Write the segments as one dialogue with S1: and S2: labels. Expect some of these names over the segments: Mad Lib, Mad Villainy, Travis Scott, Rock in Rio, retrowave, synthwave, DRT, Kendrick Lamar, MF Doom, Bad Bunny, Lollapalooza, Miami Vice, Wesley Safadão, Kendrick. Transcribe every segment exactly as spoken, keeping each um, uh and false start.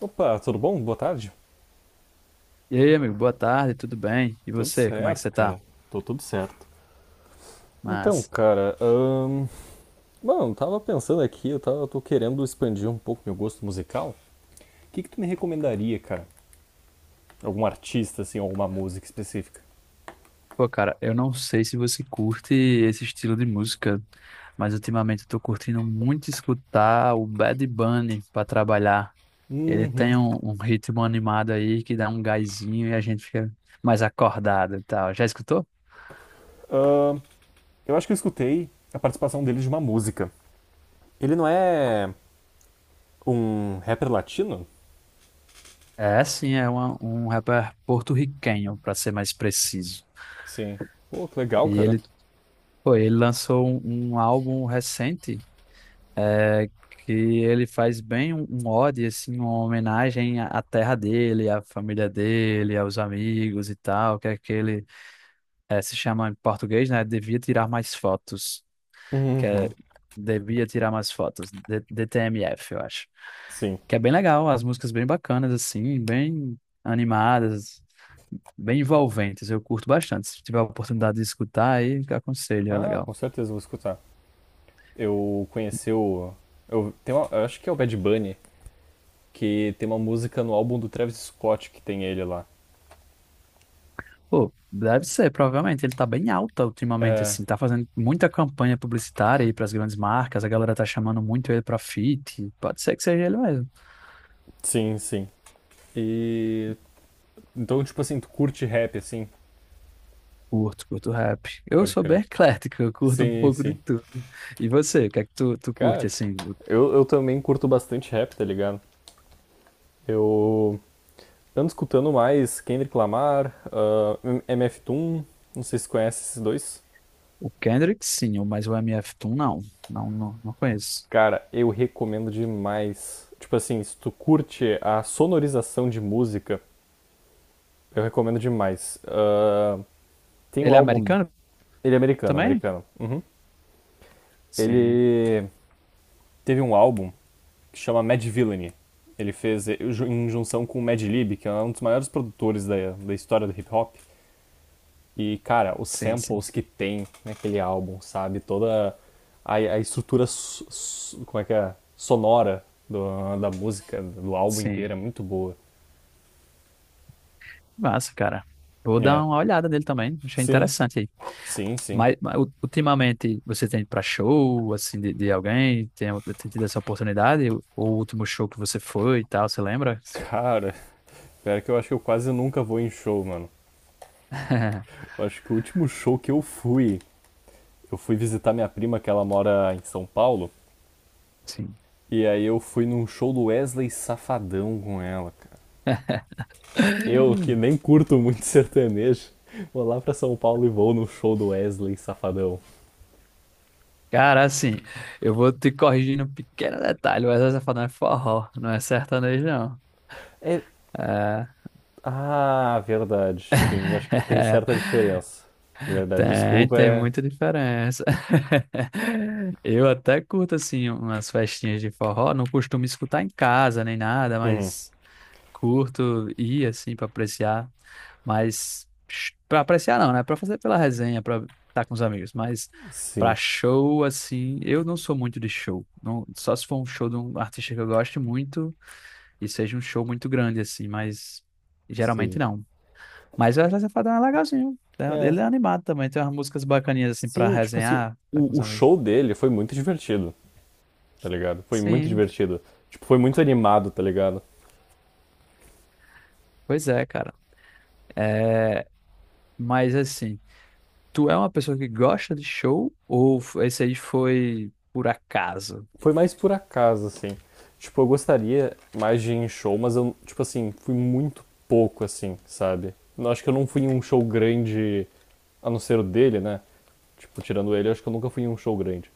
S1: Opa, tudo bom? Boa tarde.
S2: E aí, amigo, boa tarde, tudo bem? E
S1: Tudo
S2: você, como é que
S1: certo,
S2: você tá?
S1: cara. Tô tudo certo. Então,
S2: Mas,
S1: cara, ahn, mano, tava pensando aqui, eu tava, tô querendo expandir um pouco meu gosto musical. O que que tu me recomendaria, cara? Algum artista, assim, alguma música específica?
S2: pô, cara, eu não sei se você curte esse estilo de música, mas ultimamente eu tô curtindo muito escutar o Bad Bunny pra trabalhar. Ele
S1: Uhum.
S2: tem um, um ritmo animado aí que dá um gásinho e a gente fica mais acordado e tal. Já escutou?
S1: Ahn, eu acho que eu escutei a participação dele de uma música. Ele não é um rapper latino?
S2: É, sim, é uma- um rapper porto-riquenho, pra ser mais preciso.
S1: Sim. Pô, que legal,
S2: E
S1: cara.
S2: ele, pô, ele lançou um, um álbum recente é, que ele faz bem um, um ode, assim, uma homenagem à à terra dele, à família dele, aos amigos e tal, que é aquele, é, se chama em português, né? Devia tirar mais fotos, que é
S1: Uhum.
S2: Devia tirar mais fotos, D- DTMF, eu acho.
S1: Sim.
S2: Que é bem legal, as músicas bem bacanas, assim, bem animadas, bem envolventes, eu curto bastante. Se tiver a oportunidade de escutar, aí aconselho, é
S1: Ah, com
S2: legal.
S1: certeza eu vou escutar. Eu conheci o. Eu, tem uma- eu acho que é o Bad Bunny que tem uma música no álbum do Travis Scott que tem ele lá.
S2: Pô, deve ser, provavelmente. Ele tá bem alta ultimamente,
S1: É,
S2: assim. Tá fazendo muita campanha publicitária aí pras grandes marcas. A galera tá chamando muito ele pra feat. Pode ser que seja ele mesmo.
S1: sim, sim. E então, tipo assim, tu curte rap, assim,
S2: Curto, curto rap. Eu
S1: pode
S2: sou bem
S1: crer.
S2: eclético, eu curto um
S1: Sim,
S2: pouco de
S1: sim.
S2: tudo. E você, o que é que tu, tu curte,
S1: Cara,
S2: assim?
S1: eu, eu também curto bastante rap, tá ligado? Eu ando escutando mais Kendrick Lamar, ah, M- MF Doom, não sei se conhece esses dois.
S2: O Kendrick, sim, mas o M F Doom, não. Não, não, não conheço.
S1: Cara, eu recomendo demais. Tipo assim, se tu curte a sonorização de música, eu recomendo demais. Ah, tem o
S2: Ele é
S1: álbum.
S2: americano
S1: Ele é americano,
S2: também?
S1: americano. Uhum.
S2: Sim,
S1: Ele teve um álbum que chama Mad Villainy. Ele fez eh, ju- em junção com o Mad Lib, que é um dos maiores produtores da, da história do hip hop. E, cara, os
S2: sim, sim.
S1: samples que tem naquele álbum, sabe? Toda a, a estrutura, so- so- como é que é? Sonora do- da música, do álbum
S2: Sim.
S1: inteiro é muito boa.
S2: Massa, cara. Vou
S1: É.
S2: dar uma olhada nele também. Achei
S1: Sim,
S2: interessante.
S1: sim, sim.
S2: Mas, mas u- ultimamente você tem para show assim de, de alguém? Tem, tem tido essa oportunidade? O, o último show que você foi e tal, você lembra?
S1: Cara, pior que eu acho que eu quase nunca vou em show, mano. Eu acho que o último show que eu fui, eu fui visitar minha prima, que ela mora em São Paulo,
S2: Sim.
S1: e aí eu fui num show do Wesley Safadão com ela, cara. Eu, que nem curto muito sertanejo, vou lá pra São Paulo e vou no show do Wesley Safadão.
S2: Cara, assim, eu vou te corrigindo um pequeno detalhe, mas essa fala é forró, não é sertanejo, não.
S1: É...
S2: É.
S1: Ah, verdade. Tem, acho que tem certa diferença. Verdade,
S2: Tem,
S1: desculpa,
S2: tem
S1: é...
S2: muita diferença. Eu até curto, assim, umas festinhas de forró, não costumo escutar em casa nem nada, mas curto ir assim pra apreciar, mas sh- pra apreciar não, né? Pra fazer pela resenha, pra estar com os amigos, mas pra
S1: Sim,
S2: show assim, eu não sou muito de show. Não, só se for um show de um artista que eu gosto muito e seja um show muito grande assim, mas geralmente
S1: sim.
S2: não. Mas o Wesley Safadão é legalzinho, né?
S1: É,
S2: Ele é animado também, tem umas músicas bacaninhas assim pra
S1: sim, tipo assim,
S2: resenhar, tá com
S1: o,
S2: os
S1: o
S2: amigos.
S1: show dele foi muito divertido, tá ligado? Foi muito
S2: Sim,
S1: divertido. Tipo, foi muito animado, tá ligado?
S2: pois é, cara. É, mas assim, tu é uma pessoa que gosta de show ou f- esse aí foi por acaso?
S1: Foi mais por acaso, assim. Tipo, eu gostaria mais de ir em show, mas eu, tipo assim, fui muito pouco, assim, sabe? Eu acho que eu não fui em um show grande, a não ser o dele, né? Tipo, tirando ele, eu acho que eu nunca fui em um show grande.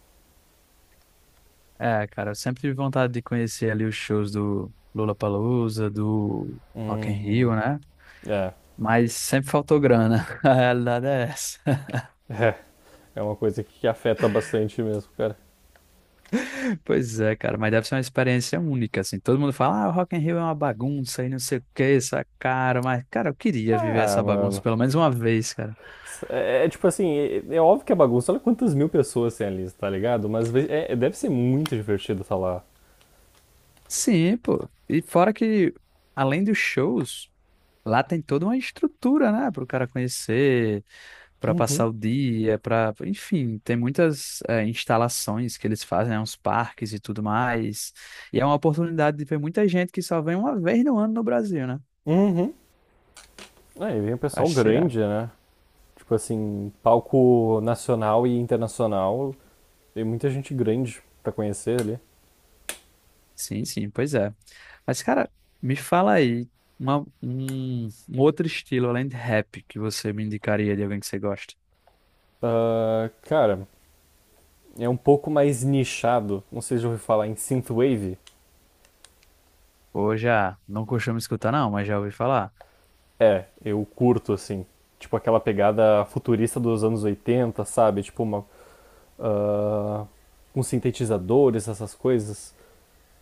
S2: É, cara, eu sempre tive vontade de conhecer ali os shows do Lollapalooza, do Rock in Rio, né?
S1: É,
S2: Mas sempre faltou grana. A realidade é essa.
S1: é. É uma coisa que afeta bastante mesmo, cara.
S2: Pois é, cara, mas deve ser uma experiência única, assim. Todo mundo fala, ah, o Rock in Rio é uma bagunça e não sei o que, essa cara. Mas, cara, eu queria viver
S1: Ah,
S2: essa bagunça
S1: mano.
S2: pelo menos uma vez, cara.
S1: É, é tipo assim, é, é óbvio que é bagunça. Olha quantas mil pessoas tem ali, tá ligado? Mas ve- é- é- deve ser muito divertido estar lá.
S2: Sim, pô. E fora que, além dos shows, lá tem toda uma estrutura, né, para o cara conhecer, para passar o dia, para, enfim, tem muitas eh, instalações que eles fazem, né, uns parques e tudo mais. E é uma oportunidade de ver muita gente que só vem uma vez no ano no Brasil, né?
S1: Uhum. Aí vem o pessoal
S2: Acho que será.
S1: grande, né? Tipo assim, palco nacional e internacional. Tem muita gente grande pra conhecer ali.
S2: Sim, sim, pois é. Mas, cara, me fala aí uma- um, um outro estilo além de rap que você me indicaria de alguém que você gosta.
S1: Ah, cara, é um pouco mais nichado. Não sei se já ouviu falar em synthwave.
S2: Ou já, não costumo escutar não, mas já ouvi falar.
S1: É, eu curto assim. Tipo aquela pegada futurista dos anos oitenta, sabe? Tipo uma, com sintetizadores, essas coisas.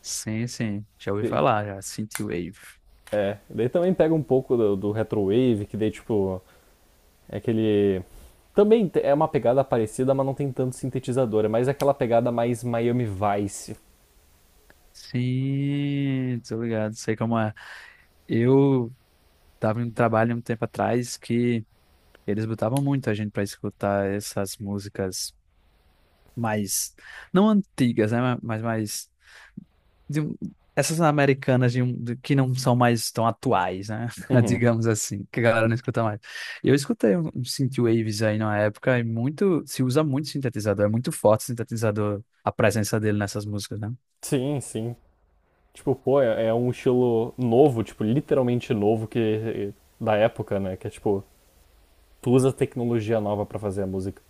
S2: Sim, sim, já ouvi
S1: E-
S2: falar, já. Synthwave.
S1: É, daí também pega um pouco do, do retrowave, que daí tipo é aquele também te- é uma pegada parecida, mas não tem tanto sintetizador. É mais aquela pegada mais Miami Vice.
S2: Sim, tô ligado, sei como é. Eu tava em um trabalho um tempo atrás que eles botavam muito a gente pra escutar essas músicas mais, não antigas, né, mas mais, de um- essas americanas de, um- de- que não são mais tão atuais, né,
S1: Uhum.
S2: digamos assim, que a galera não escuta mais. Eu escutei um, um synthwaves aí na época e muito, se usa muito sintetizador, é muito forte o sintetizador, a presença dele nessas músicas, né?
S1: Sim, sim. Tipo, pô, é, é um estilo novo, tipo, literalmente novo, que da época, né? Que é tipo, tu usa tecnologia nova pra fazer a música.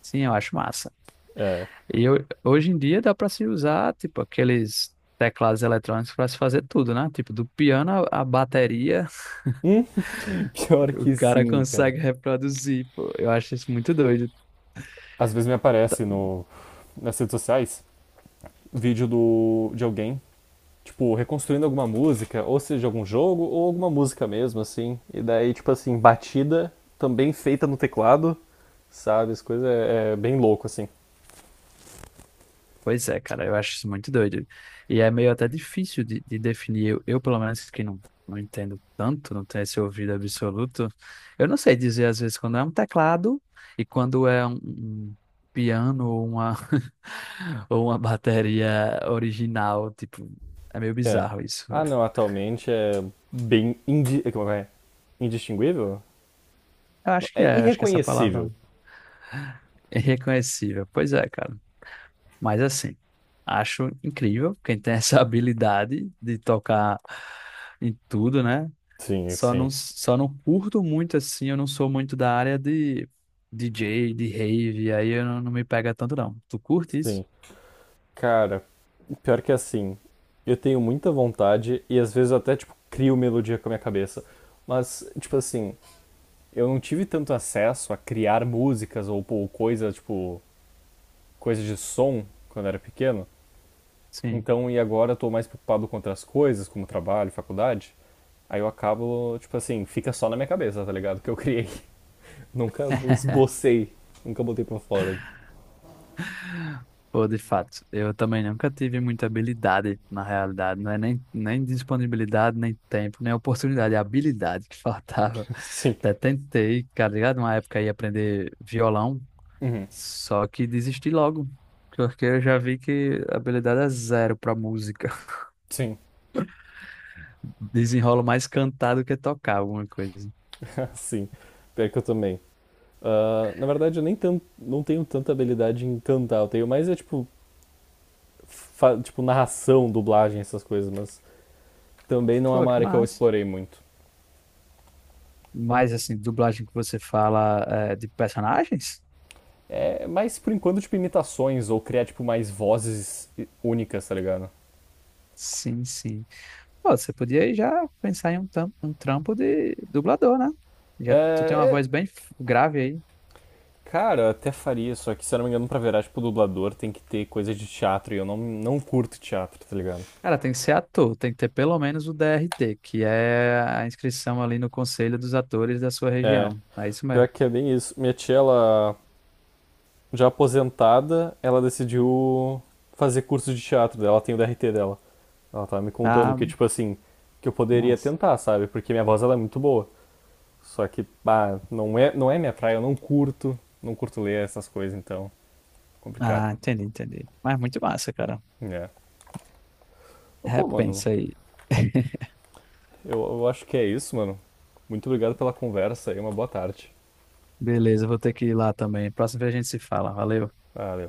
S2: Sim, eu acho massa.
S1: É.
S2: E ho- hoje em dia dá para se usar, tipo, aqueles teclados eletrônicos para se fazer tudo, né? Tipo, do piano à à bateria,
S1: Hum? Pior
S2: o
S1: que
S2: cara
S1: sim, cara.
S2: consegue reproduzir, pô. Eu acho isso muito doido.
S1: Às vezes me aparece no, nas redes sociais, vídeo do, de alguém, tipo, reconstruindo alguma música, ou seja, algum jogo ou alguma música mesmo assim. E daí, tipo assim, batida também feita no teclado, sabe? As coisas é, é bem louco assim.
S2: Pois é, cara, eu acho isso muito doido. E é meio até difícil de, de definir. Eu, eu, pelo menos, que não, não entendo tanto, não tenho esse ouvido absoluto, eu não sei dizer, às vezes, quando é um teclado e quando é um, um piano ou uma, ou uma bateria original. Tipo, é meio
S1: É.
S2: bizarro isso. Eu
S1: Ah, não, atualmente é bem indi... como é? Indistinguível?
S2: acho que
S1: É
S2: é, acho que essa
S1: irreconhecível.
S2: palavra é reconhecível. Pois é, cara. Mas assim, acho incrível quem tem essa habilidade de tocar em tudo, né?
S1: Sim,
S2: Só não,
S1: sim,
S2: só não curto muito assim, eu não sou muito da área de D J, de rave, aí eu não, não me pega tanto não. Tu curte isso?
S1: sim. Cara, pior que assim, eu tenho muita vontade e às vezes eu até, tipo, crio melodia com a minha cabeça. Mas, tipo assim, eu não tive tanto acesso a criar músicas ou, ou coisas, tipo, coisas de som quando eu era pequeno.
S2: Sim.
S1: Então, e agora eu tô mais preocupado com outras coisas, como trabalho, faculdade. Aí eu acabo, tipo assim, fica só na minha cabeça, tá ligado? Que eu criei. Nunca esbocei, nunca botei pra fora.
S2: Pô, de fato, eu também nunca tive muita habilidade, na realidade, não é nem, nem disponibilidade, nem tempo, nem oportunidade, é habilidade que faltava.
S1: Sim.
S2: Até tentei, cara, ligado? Uma época aí aprender violão,
S1: Uhum.
S2: só que desisti logo, porque eu já vi que a habilidade é zero pra música.
S1: Sim.
S2: Desenrolo mais cantar do que tocar alguma coisa.
S1: Sim. Pior que eu também. Ah, na verdade, eu nem tan- não tenho tanta habilidade em cantar. Eu tenho mais é tipo, fa- tipo narração, dublagem, essas coisas, mas também não é
S2: Pô,
S1: uma
S2: que
S1: área que eu
S2: massa.
S1: explorei muito.
S2: Mas, assim, dublagem que você fala é, de personagens?
S1: É mais por enquanto, tipo, imitações ou criar, tipo, mais vozes únicas, tá ligado?
S2: Sim, sim. Pô, você podia aí já pensar em um, tam- um trampo de dublador, né?
S1: É,
S2: Já tu tem uma
S1: é,
S2: voz bem f- grave aí.
S1: Cara, eu até faria, só que se eu não me engano, pra virar, tipo, dublador tem que ter coisa de teatro e eu não, não curto teatro, tá ligado?
S2: Cara, tem que ser ator, tem que ter pelo menos o D R T, que é a inscrição ali no Conselho dos Atores da sua
S1: É,
S2: região. É isso
S1: pior
S2: mesmo.
S1: que é bem isso. Minha tia, ela já aposentada, ela decidiu fazer curso de teatro dela, ela tem o D R T dela. Ela tava me contando
S2: Ah,
S1: que, tipo assim, que eu poderia
S2: massa.
S1: tentar, sabe? Porque minha voz, ela é muito boa. Só que, pá, não é, não é minha praia, eu não curto, não curto ler essas coisas, então, complicado.
S2: Ah, entendi, entendi. Mas muito massa, cara.
S1: É. Mas, pô, mano,
S2: Repensa aí.
S1: Eu, eu acho que é isso, mano. Muito obrigado pela conversa e uma boa tarde.
S2: Beleza, vou ter que ir lá também. Próxima vez a gente se fala. Valeu.
S1: Valeu.